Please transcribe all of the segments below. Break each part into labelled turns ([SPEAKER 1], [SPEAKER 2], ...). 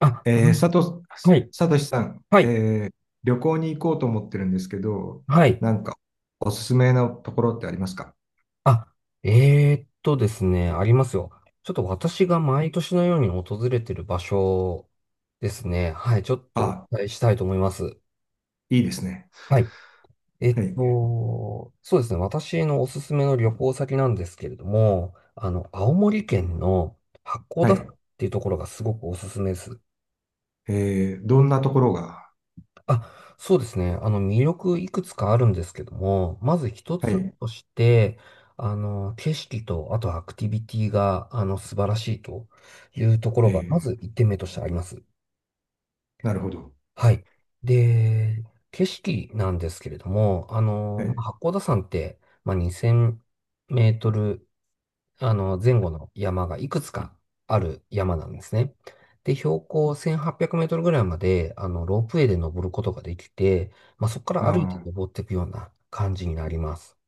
[SPEAKER 1] あ、
[SPEAKER 2] えー、さと、
[SPEAKER 1] はい、
[SPEAKER 2] さとしさん、
[SPEAKER 1] はい、
[SPEAKER 2] 旅行に行こうと思ってるんですけど、
[SPEAKER 1] はい。
[SPEAKER 2] なんかおすすめのところってありますか？
[SPEAKER 1] あ、ですね、ありますよ。ちょっと私が毎年のように訪れてる場所ですね。はい、ちょっとお
[SPEAKER 2] あ、
[SPEAKER 1] 伝えしたいと思います。
[SPEAKER 2] いいですね。
[SPEAKER 1] はい。
[SPEAKER 2] はい。
[SPEAKER 1] そうですね。私のおすすめの旅行先なんですけれども、青森県の八甲
[SPEAKER 2] は
[SPEAKER 1] 田山っ
[SPEAKER 2] い。
[SPEAKER 1] ていうところがすごくおすすめです。
[SPEAKER 2] どんなところが？
[SPEAKER 1] あ、そうですね。魅力いくつかあるんですけども、まず一
[SPEAKER 2] は
[SPEAKER 1] つ目
[SPEAKER 2] い。
[SPEAKER 1] として、景色と、あとアクティビティが、素晴らしいというところ
[SPEAKER 2] え
[SPEAKER 1] が、ま
[SPEAKER 2] ー
[SPEAKER 1] ず一点目としてあります。
[SPEAKER 2] なるほど。
[SPEAKER 1] はい。で、景色なんですけれども、
[SPEAKER 2] は
[SPEAKER 1] ま
[SPEAKER 2] い。
[SPEAKER 1] あ八甲田山って、まあ、2000メートル前後の山がいくつかある山なんですね。で、標高1800メートルぐらいまで、ロープウェイで登ることができて、まあ、そこか
[SPEAKER 2] あ
[SPEAKER 1] ら歩いて
[SPEAKER 2] ー。
[SPEAKER 1] 登っていくような感じになります。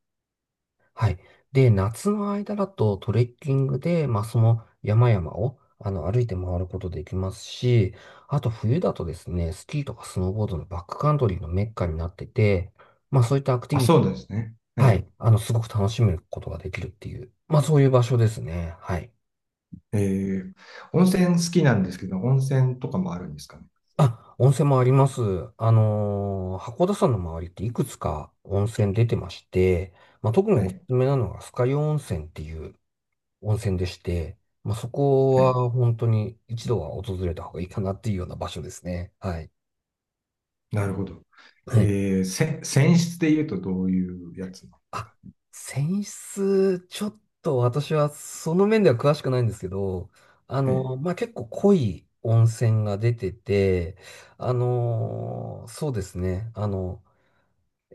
[SPEAKER 1] はい。で、夏の間だとトレッキングで、まあ、その山々を、歩いて回ることできますし、あと冬だとですね、スキーとかスノーボードのバックカントリーのメッカになってて、まあ、そういったアクティ
[SPEAKER 2] あ、
[SPEAKER 1] ビティ、
[SPEAKER 2] そうですね。は
[SPEAKER 1] はい、
[SPEAKER 2] い。
[SPEAKER 1] すごく楽しむことができるっていう、まあ、そういう場所ですね。はい。
[SPEAKER 2] えー温泉好きなんですけど、温泉とかもあるんですかね？
[SPEAKER 1] あ、温泉もあります。函館山の周りっていくつか温泉出てまして、まあ、特に
[SPEAKER 2] は
[SPEAKER 1] おす
[SPEAKER 2] い。
[SPEAKER 1] すめなのが酸ヶ湯温泉っていう温泉でして、まあ、そこ
[SPEAKER 2] はい。
[SPEAKER 1] は本当に一度は訪れた方がいいかなっていうような場所ですね。はい。
[SPEAKER 2] なるほど。
[SPEAKER 1] はい。
[SPEAKER 2] 泉質で言うとどういうやつなんです
[SPEAKER 1] あ、
[SPEAKER 2] か？
[SPEAKER 1] 泉質、ちょっと私はその面では詳しくないんですけど、
[SPEAKER 2] はい。
[SPEAKER 1] まあ、結構濃い温泉が出てて、そうですね。あの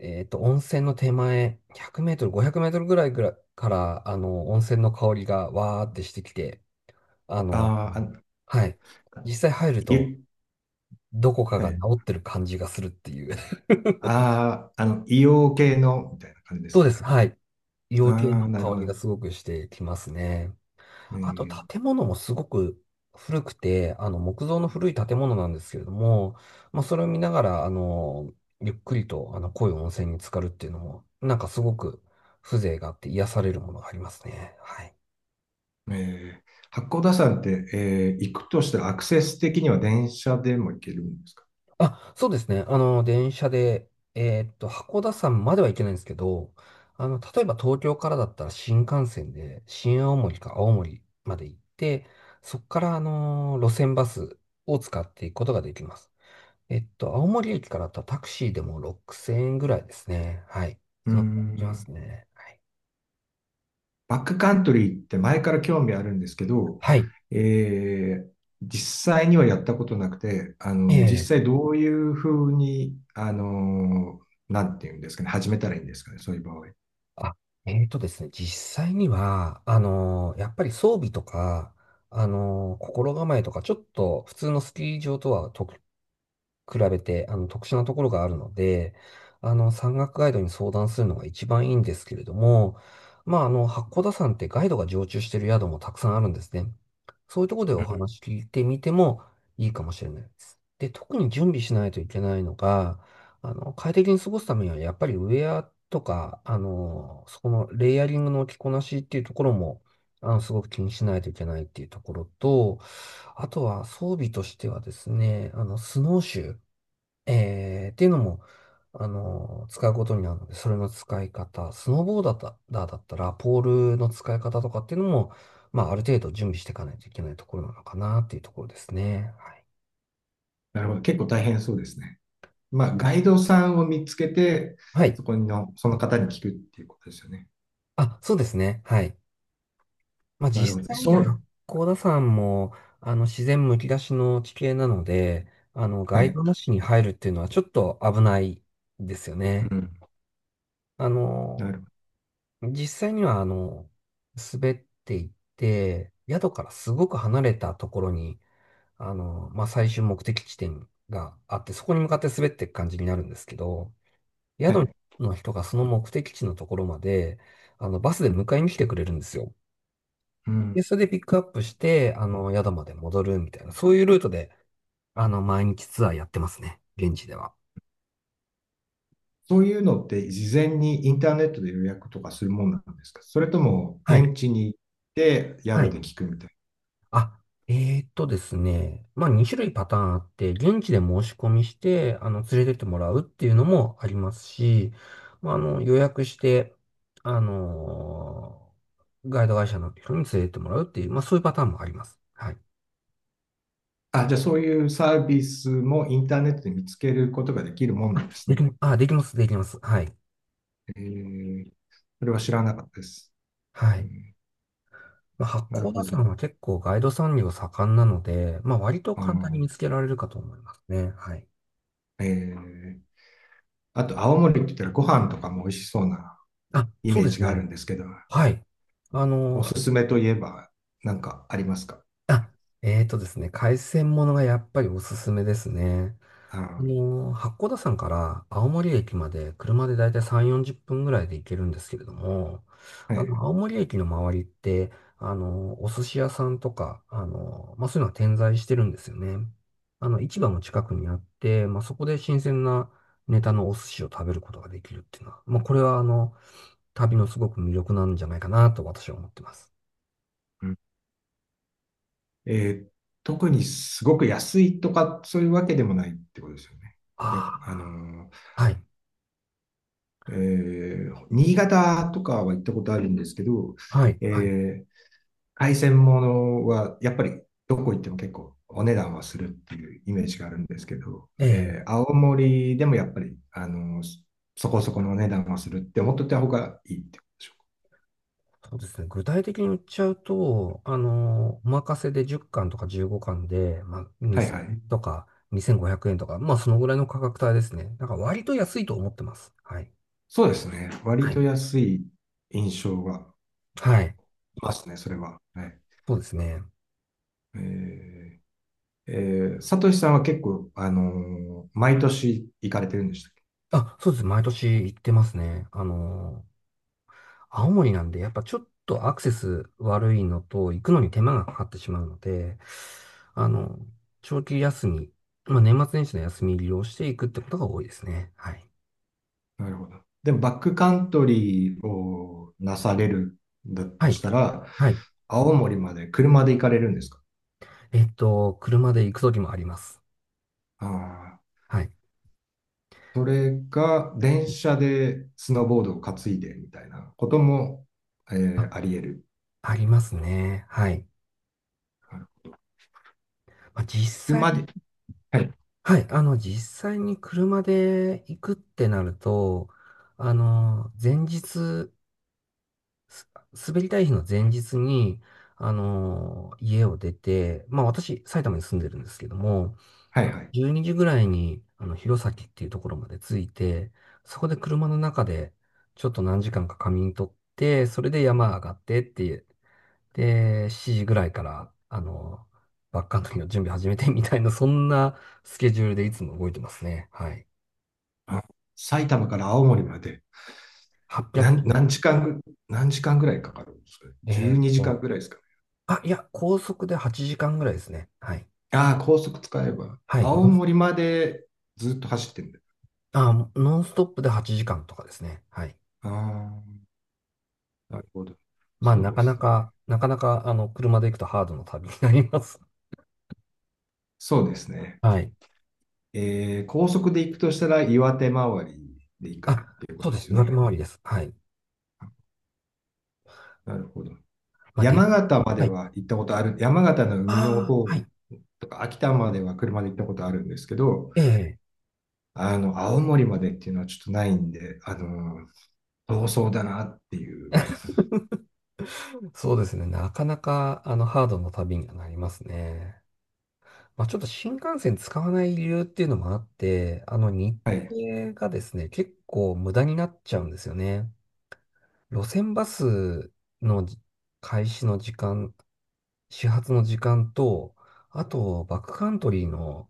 [SPEAKER 1] えっと、温泉の手前、100メートル、500メートルぐらいから、温泉の香りがわーってしてきて、あの、
[SPEAKER 2] あー。
[SPEAKER 1] はい。
[SPEAKER 2] あ、
[SPEAKER 1] 実際入る
[SPEAKER 2] い
[SPEAKER 1] と、
[SPEAKER 2] え、
[SPEAKER 1] どこか
[SPEAKER 2] は
[SPEAKER 1] が治
[SPEAKER 2] い。
[SPEAKER 1] ってる感じがするっていう。
[SPEAKER 2] ああ、硫黄系の、みたいな感じです
[SPEAKER 1] そうで
[SPEAKER 2] か
[SPEAKER 1] す。
[SPEAKER 2] ね。
[SPEAKER 1] はい。医
[SPEAKER 2] あ
[SPEAKER 1] 療系の
[SPEAKER 2] あ、なる
[SPEAKER 1] 香
[SPEAKER 2] ほ
[SPEAKER 1] り
[SPEAKER 2] ど。
[SPEAKER 1] がすごくしてきますね。
[SPEAKER 2] え
[SPEAKER 1] あと
[SPEAKER 2] ー
[SPEAKER 1] 建物もすごく古くて、あの木造の古い建物なんですけれども、まあ、それを見ながら、ゆっくりとあの濃い温泉に浸かるっていうのも、なんかすごく風情があって癒されるものがありますね。はい。
[SPEAKER 2] えー八甲田山って、行くとしたらアクセス的には電車でも行けるんですか？
[SPEAKER 1] あ、そうですね。電車で、函館山までは行けないんですけど、例えば東京からだったら新幹線で、新青森か青森まで行って、そこから、路線バスを使っていくことができます。青森駅からだったらタクシーでも6000円ぐらいですね。はい。
[SPEAKER 2] うー
[SPEAKER 1] そのくらいできま
[SPEAKER 2] ん。
[SPEAKER 1] すね。はい。
[SPEAKER 2] バックカントリーって前から興味あるんですけど、
[SPEAKER 1] はい。
[SPEAKER 2] えー実際にはやったことなくて、
[SPEAKER 1] え
[SPEAKER 2] 実
[SPEAKER 1] え。
[SPEAKER 2] 際どういうふうに、なんていうんですかね、始めたらいいんですかね、そういう場合。
[SPEAKER 1] あ、えっとですね、実際には、やっぱり装備とか、心構えとか、ちょっと普通のスキー場とは比べて、特殊なところがあるので、山岳ガイドに相談するのが一番いいんですけれども、まあ、八甲田山ってガイドが常駐している宿もたくさんあるんですね。そういうところでお話聞いてみてもいいかもしれないです。で、特に準備しないといけないのが、快適に過ごすためには、やっぱりウェアとか、そこのレイヤリングの着こなしっていうところも、すごく気にしないといけないっていうところと、あとは装備としてはですね、スノーシュー。っていうのも、使うことになるので、それの使い方、スノーボーダーだったら、ポールの使い方とかっていうのも、まあ、ある程度準備していかないといけないところなのかなっていうところですね。はい。
[SPEAKER 2] なるほど。結構大変そうですね。まあ、ガイドさんを見つけて、
[SPEAKER 1] はい。
[SPEAKER 2] その方に聞くっていうことですよね。
[SPEAKER 1] あ、そうですね。はい。まあ、
[SPEAKER 2] なるほ
[SPEAKER 1] 実
[SPEAKER 2] ど。
[SPEAKER 1] 際に
[SPEAKER 2] そ
[SPEAKER 1] 八
[SPEAKER 2] う。
[SPEAKER 1] 甲田山も、自然むき出しの地形なので、
[SPEAKER 2] は
[SPEAKER 1] ガイ
[SPEAKER 2] い。
[SPEAKER 1] ドなしに入るっていうのはちょっと危ないですよね。
[SPEAKER 2] うん。
[SPEAKER 1] あ
[SPEAKER 2] な
[SPEAKER 1] の、
[SPEAKER 2] るほ
[SPEAKER 1] 実際には、滑っていって、宿からすごく離れたところに、まあ、最終目的地点があって、そこに向かって滑っていく感じになるんですけど、
[SPEAKER 2] ど。はい。
[SPEAKER 1] 宿の人がその目的地のところまで、バスで迎えに来てくれるんですよ。
[SPEAKER 2] うん。
[SPEAKER 1] で、それでピックアップして、宿まで戻るみたいな、そういうルートで、毎日ツアーやってますね。現地では。
[SPEAKER 2] そういうのって事前にインターネットで予約とかするもんなんですか？それとも
[SPEAKER 1] はい。
[SPEAKER 2] 現地に行って
[SPEAKER 1] は
[SPEAKER 2] 宿
[SPEAKER 1] い。
[SPEAKER 2] で聞くみたい
[SPEAKER 1] あ、ですね。まあ、2種類パターンあって、現地で申し込みして、連れてってもらうっていうのもありますし、まあ、予約して、あのーガイド会社の人に連れてってもらうっていう、まあ、そういうパターンもあります。はい。
[SPEAKER 2] な。あ、じゃあそういうサービスもインターネットで見つけることができるもんなんですね。
[SPEAKER 1] できます、できます。はい。
[SPEAKER 2] えー、それは知らなかったです。う
[SPEAKER 1] はい。
[SPEAKER 2] ん、
[SPEAKER 1] まあ、八
[SPEAKER 2] なる
[SPEAKER 1] 甲田
[SPEAKER 2] ほ
[SPEAKER 1] 山
[SPEAKER 2] ど。
[SPEAKER 1] は結構ガイド産業盛んなので、まあ、割と
[SPEAKER 2] あ
[SPEAKER 1] 簡単に
[SPEAKER 2] ー、
[SPEAKER 1] 見つけられるかと思いますね。はい。
[SPEAKER 2] えー、あと青森って言ったらご飯とかも美味しそうな
[SPEAKER 1] あ、
[SPEAKER 2] イ
[SPEAKER 1] そ
[SPEAKER 2] メ
[SPEAKER 1] う
[SPEAKER 2] ー
[SPEAKER 1] で
[SPEAKER 2] ジ
[SPEAKER 1] す
[SPEAKER 2] があ
[SPEAKER 1] ね。
[SPEAKER 2] るんですけど、
[SPEAKER 1] はい。あの、
[SPEAKER 2] おすすめといえば何かありますか？
[SPEAKER 1] あ、えーとですね、海鮮ものがやっぱりおすすめですね。
[SPEAKER 2] あ。
[SPEAKER 1] 八甲田山から青森駅まで車でだいたい3、40分ぐらいで行けるんですけれども、
[SPEAKER 2] はい。
[SPEAKER 1] 青森駅の周りって、お寿司屋さんとか、まあ、そういうのは点在してるんですよね。市場も近くにあって、まあ、そこで新鮮なネタのお寿司を食べることができるっていうのは、まあ、これは旅のすごく魅力なんじゃないかなと私は思ってます。
[SPEAKER 2] うん。えー特にすごく安いとかそういうわけでもないってことですよね。いや、
[SPEAKER 1] ああ、はい、
[SPEAKER 2] 新潟とかは行ったことあるんですけど、
[SPEAKER 1] はい、はい。
[SPEAKER 2] えー海鮮物はやっぱりどこ行っても結構お値段はするっていうイメージがあるんですけど、
[SPEAKER 1] ええ
[SPEAKER 2] 青森でもやっぱり、そこそこのお値段はするって思っといた方がいいってことでしょう
[SPEAKER 1] そうですね。具体的に言っちゃうと、お任せで10巻とか15巻で、まあ、
[SPEAKER 2] か。はい
[SPEAKER 1] 2000
[SPEAKER 2] はい。
[SPEAKER 1] とか2500円とか、まあ、そのぐらいの価格帯ですね。だから割と安いと思ってます。はい。
[SPEAKER 2] そうですね。割
[SPEAKER 1] は
[SPEAKER 2] と
[SPEAKER 1] い。
[SPEAKER 2] 安い印象が
[SPEAKER 1] はい。
[SPEAKER 2] いますね、それは。ね。
[SPEAKER 1] そうですね。
[SPEAKER 2] えー、サトシさんは結構、毎年行かれてるんでしたっけ？
[SPEAKER 1] あ、そうです。毎年行ってますね。青森なんで、やっぱちょっとアクセス悪いのと、行くのに手間がかかってしまうので、あの、長期休み、まあ、年末年始の休み利用していくってことが多いですね。はい。
[SPEAKER 2] なるほど。でも、バックカントリーをなされるんだ
[SPEAKER 1] は
[SPEAKER 2] と
[SPEAKER 1] い。
[SPEAKER 2] したら、
[SPEAKER 1] はい
[SPEAKER 2] 青森まで車で行かれるんですか？
[SPEAKER 1] えっと、車で行くときもあります。
[SPEAKER 2] ああ
[SPEAKER 1] はい。
[SPEAKER 2] ー、それが電車でスノーボードを担いでみたいなことも、
[SPEAKER 1] あ、
[SPEAKER 2] あり得る。
[SPEAKER 1] ありますね。はい。
[SPEAKER 2] あの
[SPEAKER 1] まあ、実際、
[SPEAKER 2] 車で、はい、
[SPEAKER 1] はい。実際に車で行くってなると、前日、す滑りたい日の前日に、家を出て、まあ私、埼玉に住んでるんですけども、
[SPEAKER 2] はい、はい。
[SPEAKER 1] 12時ぐらいに、弘前っていうところまで着いて、そこで車の中で、ちょっと何時間か仮眠取って、それで山上がってっていうで、7時ぐらいから、バックカントリーの準備始めてみたいな、そんなスケジュールでいつも動いてますね。はい。
[SPEAKER 2] あ、埼玉から青森まで。
[SPEAKER 1] 800キ
[SPEAKER 2] 何
[SPEAKER 1] ロ。
[SPEAKER 2] 何時間ぐ、何時間ぐらいかかるんですかね。
[SPEAKER 1] え
[SPEAKER 2] 12
[SPEAKER 1] ーっ
[SPEAKER 2] 時間
[SPEAKER 1] と、
[SPEAKER 2] ぐらいですかね。
[SPEAKER 1] あ、いや、高速で8時間ぐらいですね。はい。
[SPEAKER 2] ああ、高速使えば。
[SPEAKER 1] はい。
[SPEAKER 2] 青森までずっと走ってるんだ。
[SPEAKER 1] ノンストップで8時間とかですね。はい。
[SPEAKER 2] ああ、なるほど。
[SPEAKER 1] まあ、
[SPEAKER 2] そう
[SPEAKER 1] な
[SPEAKER 2] で
[SPEAKER 1] かな
[SPEAKER 2] すね。
[SPEAKER 1] か、なかなか、車で行くとハードの旅になります。
[SPEAKER 2] そうですね。
[SPEAKER 1] はい。
[SPEAKER 2] 高速で行くとしたら岩手周りで行くっ
[SPEAKER 1] あ、
[SPEAKER 2] ていうこ
[SPEAKER 1] そう
[SPEAKER 2] と
[SPEAKER 1] で
[SPEAKER 2] で
[SPEAKER 1] す。
[SPEAKER 2] すよ
[SPEAKER 1] 岩手
[SPEAKER 2] ね。
[SPEAKER 1] 回りです。はい。
[SPEAKER 2] なるほど。
[SPEAKER 1] まあ、で、
[SPEAKER 2] 山形まで
[SPEAKER 1] はい。
[SPEAKER 2] は行ったことある。山形の海の
[SPEAKER 1] ああ、
[SPEAKER 2] 方
[SPEAKER 1] はい。
[SPEAKER 2] とか秋田までは車で行ったことあるんですけど、
[SPEAKER 1] ええ。
[SPEAKER 2] 青森までっていうのはちょっとないんで、遠そうだなっていう。
[SPEAKER 1] そうですね。なかなか、あの、ハードな旅にはなりますね。まあ、ちょっと新幹線使わない理由っていうのもあって、日
[SPEAKER 2] はい。
[SPEAKER 1] 程がですね、結構無駄になっちゃうんですよね。路線バスの開始の時間、始発の時間と、あと、バックカントリーの、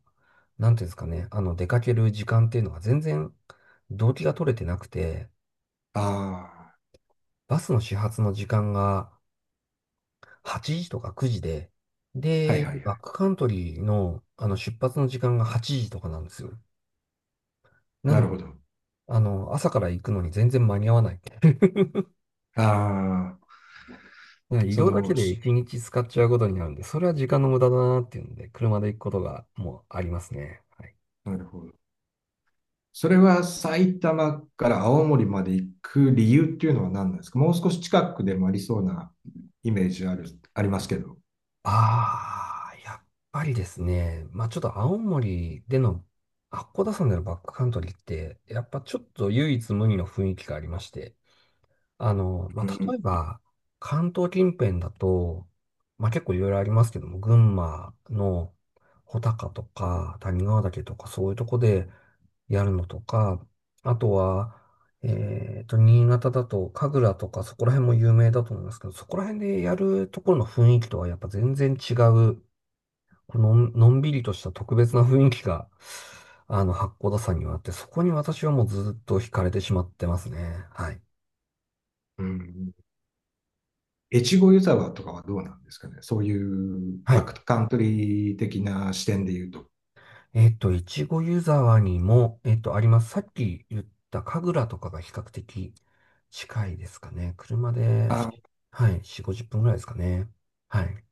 [SPEAKER 1] なんていうんですかね、あの、出かける時間っていうのが全然、動機が取れてなくて、
[SPEAKER 2] あ
[SPEAKER 1] バスの始発の時間が、8時とか9時で、
[SPEAKER 2] あ、はい
[SPEAKER 1] で、
[SPEAKER 2] はいは
[SPEAKER 1] バッ
[SPEAKER 2] い。
[SPEAKER 1] クカントリーの、あの出発の時間が8時とかなんですよ。な
[SPEAKER 2] な
[SPEAKER 1] の
[SPEAKER 2] る
[SPEAKER 1] で、
[SPEAKER 2] ほど。
[SPEAKER 1] 朝から行くのに全然間に合わない。
[SPEAKER 2] ああ、
[SPEAKER 1] ね移
[SPEAKER 2] そ
[SPEAKER 1] 動だけ
[SPEAKER 2] の、
[SPEAKER 1] で
[SPEAKER 2] し
[SPEAKER 1] 1日使っちゃうことになるんで、それは時間の無駄だなっていうので、車で行くことがもうありますね。はい。
[SPEAKER 2] なるほど。それは埼玉から青森まで行く理由っていうのは何なんですか？もう少し近くでもありそうなイメージある、ありますけど。
[SPEAKER 1] やっぱりですね、まあちょっと青森での八甲田山でのバックカントリーって、やっぱちょっと唯一無二の雰囲気がありまして、あの、ま
[SPEAKER 2] う
[SPEAKER 1] あ、例
[SPEAKER 2] ん。
[SPEAKER 1] えば、関東近辺だと、まあ、結構いろいろありますけども、群馬の穂高とか、谷川岳とか、そういうとこでやるのとか、あとは、新潟だと、神楽とか、そこら辺も有名だと思いますけど、そこら辺でやるところの雰囲気とはやっぱ全然違う、このん、のんびりとした特別な雰囲気が、八甲田山にはあって、そこに私はもうずっと惹かれてしまってますね。はい。
[SPEAKER 2] うん。越後湯沢とかはどうなんですかね？そういう
[SPEAKER 1] は
[SPEAKER 2] バ
[SPEAKER 1] い。
[SPEAKER 2] ックカントリー的な視点で言うと。
[SPEAKER 1] いちご湯沢にも、あります。さっき言った神楽とかが比較的近いですかね。車で、
[SPEAKER 2] あ、
[SPEAKER 1] はい、4、50分ぐらいですかね。はい。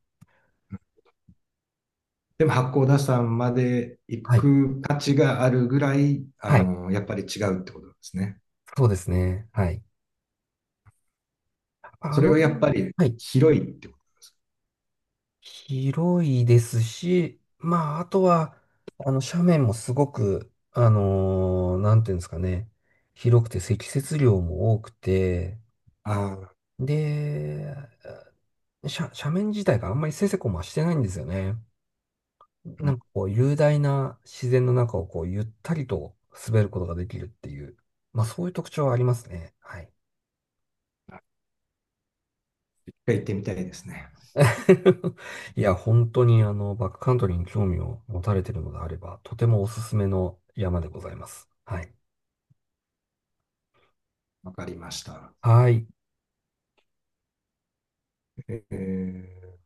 [SPEAKER 2] でも八甲田山まで行
[SPEAKER 1] はい。
[SPEAKER 2] く価値があるぐらい、
[SPEAKER 1] はい。
[SPEAKER 2] やっぱり違うってことなんですね。
[SPEAKER 1] そうですね。はい。あ
[SPEAKER 2] それ
[SPEAKER 1] の
[SPEAKER 2] はや
[SPEAKER 1] 辺、
[SPEAKER 2] っぱり
[SPEAKER 1] はい。
[SPEAKER 2] 広いってこと？
[SPEAKER 1] 広いですし、まあ、あとは、斜面もすごく、なんていうんですかね。広くて積雪量も多くて、
[SPEAKER 2] ああ、
[SPEAKER 1] で、斜面自体があんまりせせこましてないんですよね。
[SPEAKER 2] う
[SPEAKER 1] な
[SPEAKER 2] ん、
[SPEAKER 1] んかこう雄大な自然の中をこうゆったりと滑ることができるっていう、まあそういう特徴はありますね。はい。
[SPEAKER 2] 一回行ってみたいですね。
[SPEAKER 1] いや、本当にバックカントリーに興味を持たれているのであれば、とてもおすすめの山でございます。はい。
[SPEAKER 2] わかりました。
[SPEAKER 1] はい。
[SPEAKER 2] えー